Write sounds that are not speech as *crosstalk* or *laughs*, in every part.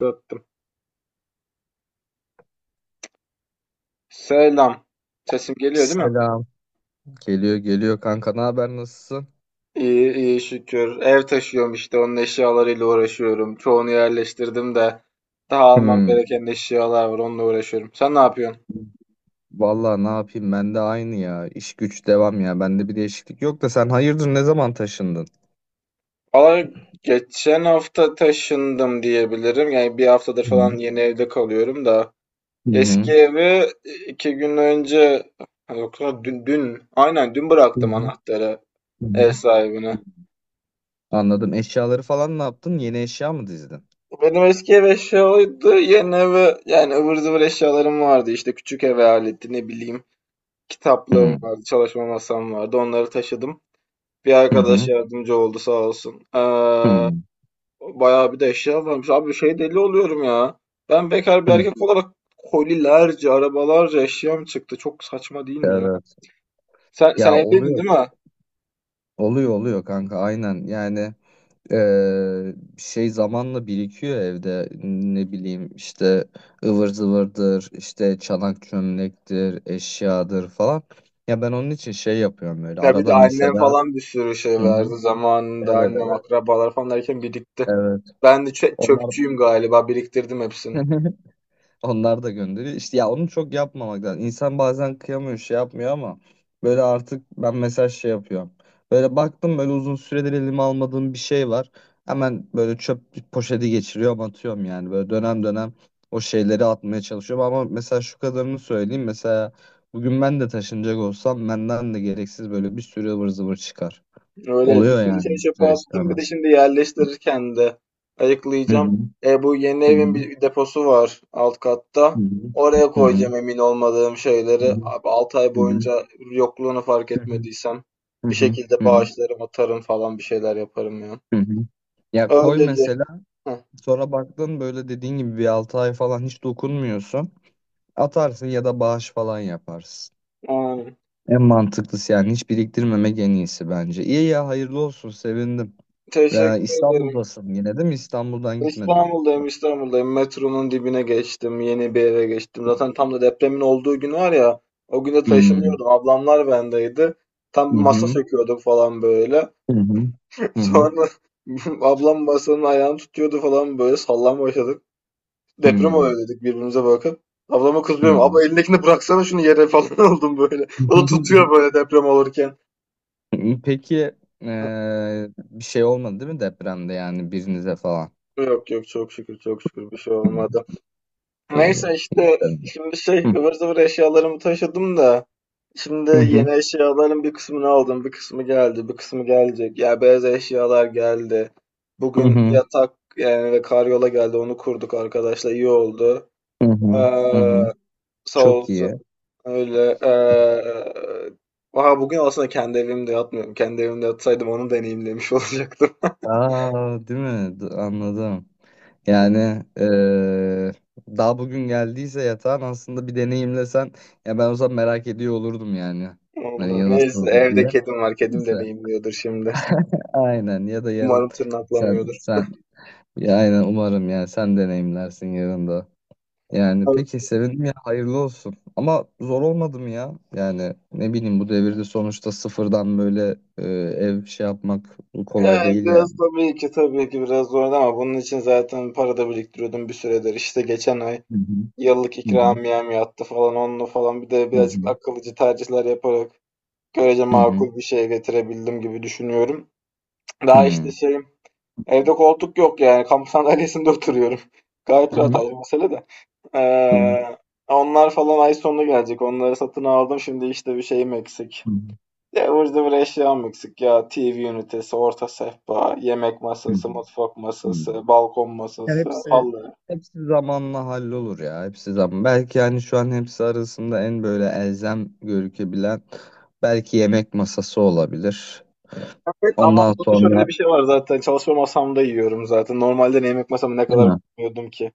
Döttüm. Selam. Sesim geliyor değil mi? Selam. Geliyor geliyor kanka, ne haber, nasılsın? İyi iyi şükür. Ev taşıyorum işte onun eşyalarıyla uğraşıyorum. Çoğunu yerleştirdim de daha almam Hmm. gereken eşyalar var onunla uğraşıyorum. Sen ne yapıyorsun? Vallahi ne yapayım, ben de aynı ya. İş güç devam ya. Bende bir değişiklik yok da sen hayırdır, ne zaman taşındın? Valla geçen hafta taşındım diyebilirim. Yani bir haftadır Hı hı. falan yeni evde kalıyorum da. Eski Hı evi iki gün önce yok lan dün, dün aynen hı. bıraktım anahtarı Hı ev hı. sahibine. Anladım. Eşyaları falan ne yaptın? Yeni eşya mı dizdin? Benim eski ev eşya oydu. Yeni eve yani ıvır zıvır eşyalarım vardı. İşte küçük eve aleti ne bileyim kitaplığım Hı vardı, çalışma masam vardı. Onları taşıdım. Bir arkadaş hı. yardımcı oldu sağ olsun. Hı hı. Bayağı bir de eşya varmış. Abi şey deli oluyorum ya. Ben bekar bir Hı. erkek olarak kolilerce, arabalarca eşyam çıktı. Çok saçma değil mi ya? Evet. Sen Ya evliydin oluyor. değil mi? Oluyor oluyor kanka, aynen yani. Şey zamanla birikiyor evde, ne bileyim işte, ıvır zıvırdır işte, çanak çömlektir, eşyadır falan. Ya ben onun için şey yapıyorum böyle Ya bir de arada annem mesela. falan bir sürü şey Hı hı. verdi zamanında Evet, annem evet, akrabalar falan derken birikti. evet, Ben de onlar çöpçüyüm galiba biriktirdim hepsini. *laughs* Onlar da gönderiyor. İşte ya onu çok yapmamak lazım. İnsan bazen kıyamıyor, şey yapmıyor ama böyle artık ben mesaj şey yapıyorum. Böyle baktım, böyle uzun süredir elime almadığım bir şey var. Hemen böyle çöp poşeti geçiriyorum, atıyorum yani. Böyle dönem dönem o şeyleri atmaya çalışıyorum ama mesela şu kadarını söyleyeyim. Mesela bugün ben de taşınacak olsam benden de gereksiz böyle bir sürü ıvır zıvır çıkar. Öyle bir Oluyor sürü yani, şey çöpe ister attım bir de istemez. şimdi yerleştirirken de Hı hı. ayıklayacağım. E bu yeni Hı evin hı. bir deposu var alt katta. Hı hı. Oraya Hı hı. koyacağım emin olmadığım şeyleri. Abi 6 ay Hı hı. boyunca yokluğunu fark Hı hı. etmediysem Hı bir hı. şekilde Hı hı. bağışlarım atarım falan bir şeyler yaparım ya. Hı hı. Ya koy Öyleli. mesela, Heh, sonra baktın, böyle dediğin gibi bir 6 ay falan hiç dokunmuyorsun. Atarsın ya da bağış falan yaparsın. aynen. En mantıklısı yani, hiç biriktirmemek en iyisi bence. İyi ya, hayırlı olsun, sevindim. Ya Teşekkür ederim. İstanbul'dasın yine değil mi? İstanbul'dan gitmedin. İstanbul'dayım, İstanbul'dayım. Metronun dibine geçtim, yeni bir eve geçtim. Zaten tam da depremin olduğu gün var ya, o gün Hmm. taşınıyordum. Ablamlar bendeydi. Tam Hı bir masa hı. söküyorduk falan böyle. Hı hı. *laughs* Hı hı. Sonra *laughs* ablam masanın ayağını tutuyordu falan böyle sallan başladık. Deprem Hmm. oluyor dedik birbirimize bakıp. Ablama kızıyorum. Hmm. Abla elindekini bıraksana şunu yere *laughs* falan oldum böyle. O da tutuyor *laughs* böyle deprem olurken. Peki *laughs* bir şey olmadı değil mi depremde, yani birinize falan? Yok yok çok şükür çok şükür bir şey Hı. olmadı. İyi iyi. Neyse İyi. işte şimdi şey ıvır zıvır eşyalarımı taşıdım da şimdi Hı hı. yeni eşyaların bir kısmını aldım bir kısmı geldi bir kısmı gelecek ya beyaz eşyalar geldi Hı bugün hı. yatak yani ve karyola geldi onu kurduk arkadaşlar iyi oldu Hı ee, hı, hı hı. sağ Çok olsun iyi. öyle, aha bugün aslında kendi evimde yatmıyorum kendi evimde yatsaydım onu deneyimlemiş *laughs* olacaktım. Aa, değil mi? Anladım. Yani daha bugün geldiyse yatağın, aslında bir deneyimlesen ya, ben o zaman merak ediyor olurdum yani. Hani Vallahi. ya, nasıl Neyse oldu evde diye. kedim var kedim Neyse. deneyimliyordur şimdi Aynen, ya da yarın umarım sen tırnaklamıyordur. sen ya aynen, umarım yani sen deneyimlersin yarın da. Yani peki, sevindim ya, hayırlı olsun. Ama zor olmadı mı ya? Yani ne bileyim, bu devirde sonuçta sıfırdan böyle ev şey yapmak kolay Yani değil yani. biraz tabii ki tabii ki biraz zordu ama bunun için zaten para da biriktiriyordum bir süredir. İşte geçen ay Hı hı. yıllık Hı hı. ikramiyem yattı falan onunla falan bir de Hı birazcık hı. akıllıcı tercihler yaparak görece Hı hı. makul bir şey getirebildim gibi düşünüyorum. Daha işte Hı. şeyim evde koltuk yok yani kamp sandalyesinde *laughs* oturuyorum. Gayet Hı rahat hı. ayrı mesele de. Hı hı. Ee, Onlar falan ay sonuna gelecek. Onları satın aldım. Şimdi işte bir şeyim eksik. Hı hı. Ya burada bir eşyam eksik ya. TV ünitesi, orta sehpa, yemek Hı masası, mutfak hı. masası, balkon Ya masası, hepsi halı. hepsi zamanla hallolur ya. Hepsi zaman. Belki yani şu an hepsi arasında en böyle elzem gözükebilen belki yemek masası olabilir. Evet ama Ondan burada şöyle sonra, bir şey var zaten. Çalışma masamda yiyorum zaten. Normalde ne yemek masamı ne değil kadar mi? koyuyordum ki.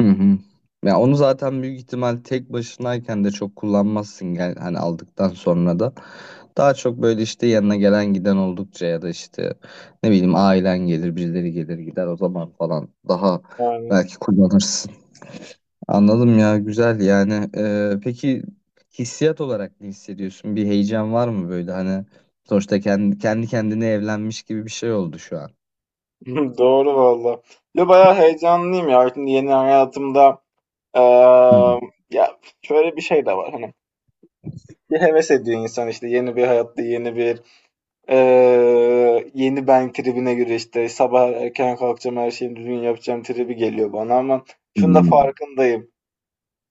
Hı hı. Ya onu zaten büyük ihtimal tek başınayken de çok kullanmazsın, gel hani aldıktan sonra da. Daha çok böyle işte yanına gelen giden oldukça, ya da işte ne bileyim, ailen gelir, birileri gelir gider o zaman falan, daha Yani. belki kullanırsın. Anladım, ya güzel yani. Peki hissiyat olarak ne hissediyorsun? Bir heyecan var mı böyle, hani sonuçta kendi kendine evlenmiş gibi bir şey oldu şu an. *laughs* Doğru valla. Ya bayağı heyecanlıyım ya. Şimdi yeni hayatımda eee, Hı hı. ya şöyle bir şey de var. Hani bir heves ediyor insan işte yeni bir hayatta yeni bir. Yeni ben tribine göre işte sabah erken kalkacağım her şeyi düzgün yapacağım tribi geliyor bana ama Hı şunu da hı. farkındayım.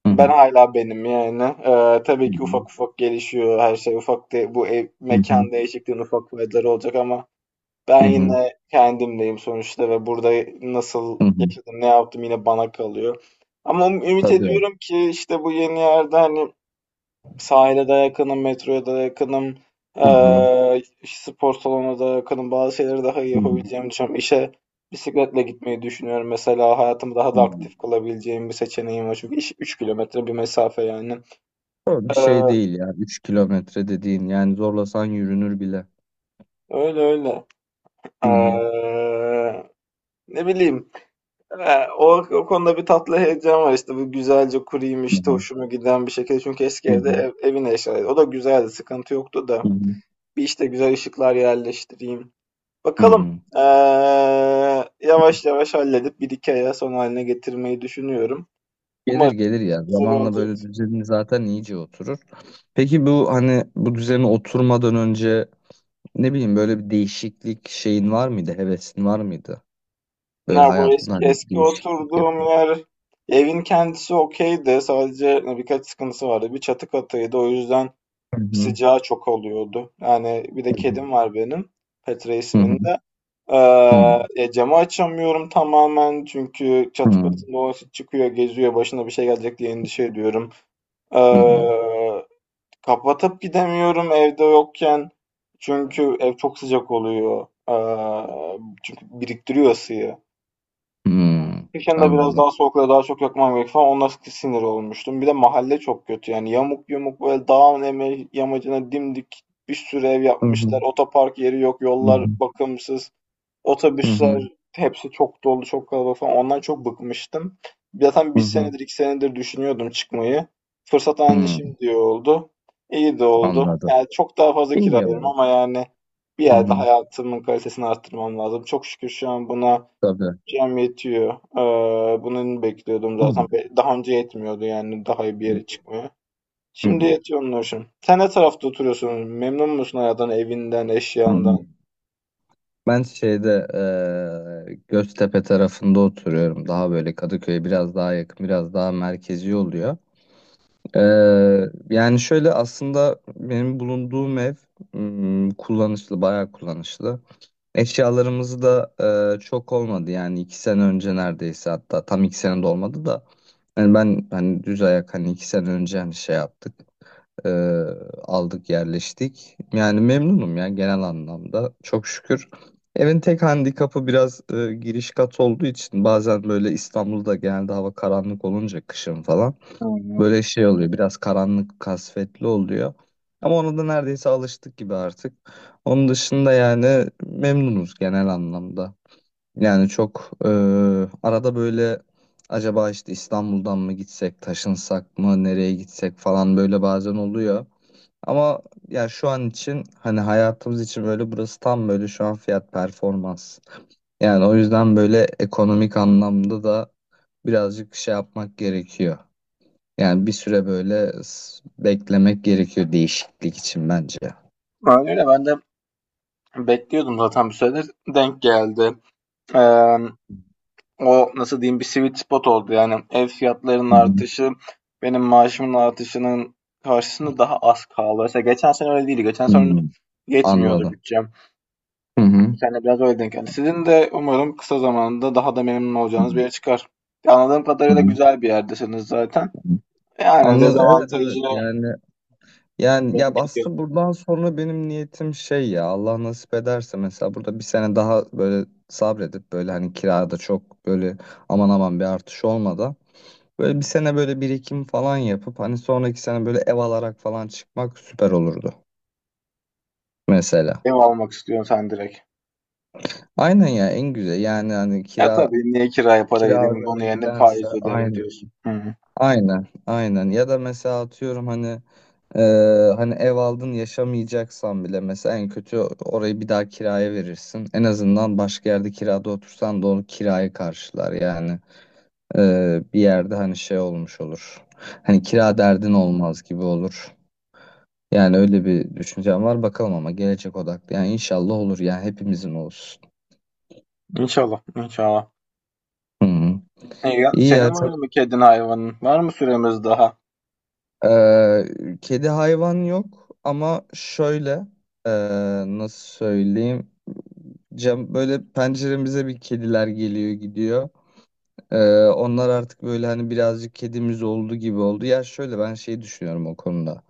Hı Ben hı. hala benim yani. Tabii ki ufak ufak gelişiyor her şey. Ufak de, bu ev, Hı hı. mekan değişikliğinin ufak faydaları olacak ama ben Hı hı. yine kendimdeyim sonuçta ve burada nasıl Hı hı. yaşadım ne yaptım yine bana kalıyor. Ama ümit Tabii. ediyorum ki işte bu yeni yerde hani. Sahile de yakınım, metroya da yakınım. Hı hı. İşte spor salonuna da yakınım. Bazı şeyleri daha iyi Hı hı. yapabileceğimi düşünüyorum. İşe bisikletle gitmeyi düşünüyorum. Mesela hayatımı daha Hı. da aktif kılabileceğim bir seçeneğim var. Çünkü iş 3 kilometre bir mesafe yani. O bir şey Eee, değil ya. 3 kilometre dediğin yani, zorlasan yürünür bile. Öyle öyle. Hı hı. Eee, Ne bileyim. Eee, o, O konuda bir tatlı heyecan var işte. Bu güzelce kurayım Hı işte hı. hoşuma giden bir şekilde. Çünkü eski Hı evde hı. ev, evin eşyaları. O da güzeldi. Sıkıntı yoktu Hı da. hı. Bir işte güzel ışıklar yerleştireyim. Hı Bakalım. hı. Eee, Yavaş yavaş halledip bir iki aya son haline getirmeyi düşünüyorum. Gelir Umarım gelir ya. güzel Zamanla olacak. böyle düzeni zaten iyice oturur. Peki bu, hani bu düzene oturmadan önce ne bileyim, böyle bir değişiklik şeyin var mıydı? Hevesin var mıydı? Böyle Ne bu hayatımda hani bir eski değişiklik yap. oturduğum yer evin kendisi okeydi. Sadece birkaç sıkıntısı vardı. Bir çatı katıydı. O yüzden Hı hı. sıcağı çok oluyordu. Yani bir de Hı hı. kedim var benim. Petra Hı hı. isminde. Hı Camı açamıyorum tamamen çünkü çatı hı. katında o çıkıyor, geziyor, başına bir şey gelecek diye endişe ediyorum. Hı hı. Eee Kapatıp gidemiyorum evde yokken. Çünkü ev çok sıcak oluyor. Çünkü biriktiriyor ısıyı. Hı hı. Kışın da biraz Anladım. daha soğuklara daha çok yakmam gerek falan. Ona sinir olmuştum. Bir de mahalle çok kötü. Yani yamuk yumuk böyle dağın yamacına dimdik bir sürü ev Hı hı. yapmışlar. Otopark yeri yok, Hı yollar hı. bakımsız. Hı hı. Otobüsler hepsi çok dolu, çok kalabalık falan. Ondan çok bıkmıştım. Zaten Hı bir hı. senedir, iki senedir düşünüyordum çıkmayı. Fırsat anca Hmm, şimdi oldu. İyi de oldu. anladım. Yani çok daha fazla İyi kira ya. veririm ama yani bir Hı yerde hı, hayatımın kalitesini arttırmam lazım. Çok şükür şu an buna tabii. cem yetiyor. Bunu bekliyordum Hı zaten. hı, Daha önce yetmiyordu yani daha iyi bir yere çıkmaya. hı Şimdi hı, yetiyor onun hoşum. Sen ne tarafta oturuyorsun? Memnun musun hayattan, evinden, eşyandan? anladım. Ben şeyde Göztepe tarafında oturuyorum. Daha böyle Kadıköy'e biraz daha yakın, biraz daha merkezi oluyor. Yani şöyle aslında benim bulunduğum ev kullanışlı, bayağı kullanışlı. Eşyalarımızı da çok olmadı yani, 2 sene önce neredeyse, hatta tam 2 sene de olmadı da, yani ben hani düz ayak, hani 2 sene önce, hani şey yaptık, e, aldık, yerleştik. Yani memnunum ya, genel anlamda çok şükür. Evin tek handikapı biraz giriş kat olduğu için bazen böyle İstanbul'da genelde hava karanlık olunca kışın falan Hı. Hı. böyle şey oluyor, biraz karanlık kasvetli oluyor. Ama ona da neredeyse alıştık gibi artık. Onun dışında yani memnunuz genel anlamda. Yani çok arada böyle acaba işte İstanbul'dan mı gitsek, taşınsak mı, nereye gitsek falan böyle bazen oluyor. Ama ya şu an için hani hayatımız için böyle burası tam böyle şu an fiyat performans. Yani o yüzden böyle ekonomik anlamda da birazcık şey yapmak gerekiyor. Yani bir süre böyle beklemek gerekiyor değişiklik için bence. Hı Öyle ben de. Bekliyordum zaten bir süredir. Denk geldi. Eee, O nasıl diyeyim bir sweet spot oldu. Yani ev fiyatlarının hı. artışı benim maaşımın artışının karşısında daha az kaldı. Mesela geçen sene öyle değildi. Geçen Hı. sene yetmiyordu Anladım. bütçem. Hı Bu hı. sene biraz öyle denk geldi. Sizin de umarım kısa zamanda daha da memnun Hı olacağınız bir yere çıkar. Anladığım hı. kadarıyla Hı güzel bir yerdesiniz zaten. hı. Yani Anladım. Evet dezavantajı evet, yani ya, dengeliyor. aslında buradan sonra benim niyetim şey, ya Allah nasip ederse mesela burada bir sene daha böyle sabredip, böyle hani kirada çok böyle aman aman bir artış olmadan, böyle bir sene böyle birikim falan yapıp, hani sonraki sene böyle ev alarak falan çıkmak süper olurdu mesela. Ev almak istiyorsun sen direkt. Aynen ya, en güzel yani, hani Ya kira tabii niye kiraya para kira vereyim onun yerine ödemektense faiz öderim aynen diyorsun. Hı hı. aynen aynen, ya da mesela atıyorum hani Ee, hani ev aldın, yaşamayacaksan bile mesela en kötü orayı bir daha kiraya verirsin. En azından başka yerde kirada otursan da onu kiraya karşılar yani. Bir yerde hani şey olmuş olur. Hani kira derdin olmaz gibi olur. Yani öyle bir düşüncem var, bakalım, ama gelecek odaklı. Yani inşallah olur yani, hepimizin olsun. İnşallah, inşallah. Hı hı. İyi ya, Senin var çok. mı kedin hayvanın? Var mı süremiz daha? Kedi hayvan yok ama şöyle ee, nasıl söyleyeyim? Cam böyle penceremize bir kediler geliyor gidiyor. Ee, onlar artık böyle hani birazcık kedimiz oldu gibi oldu. Ya şöyle ben şey düşünüyorum o konuda.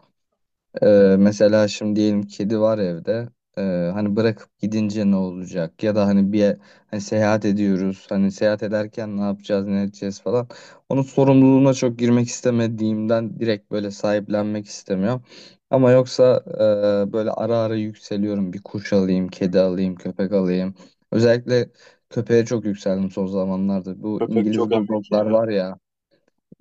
Mesela şimdi diyelim kedi var evde. Ee, hani bırakıp gidince ne olacak? Ya da hani bir hani seyahat ediyoruz. Hani seyahat ederken ne yapacağız, ne edeceğiz falan. Onun sorumluluğuna çok girmek istemediğimden direkt böyle sahiplenmek istemiyorum. Ama yoksa böyle ara ara yükseliyorum. Bir kuş alayım, kedi alayım, köpek alayım. Özellikle köpeğe çok yükseldim son zamanlarda. Bu Köpek çok İngiliz emek bulldoglar ya. var ya.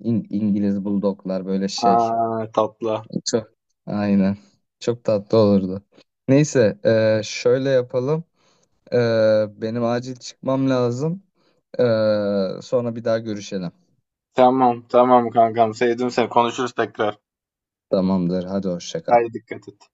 İngiliz bulldoglar böyle şey. Aa, tatlı. Çok, aynen. Çok tatlı olurdu. Neyse, şöyle yapalım. E, benim acil çıkmam lazım. E, sonra bir daha görüşelim. Tamam, tamam kankam. Sevdim seni. Konuşuruz tekrar. Tamamdır. Hadi hoşça kal. Haydi dikkat et.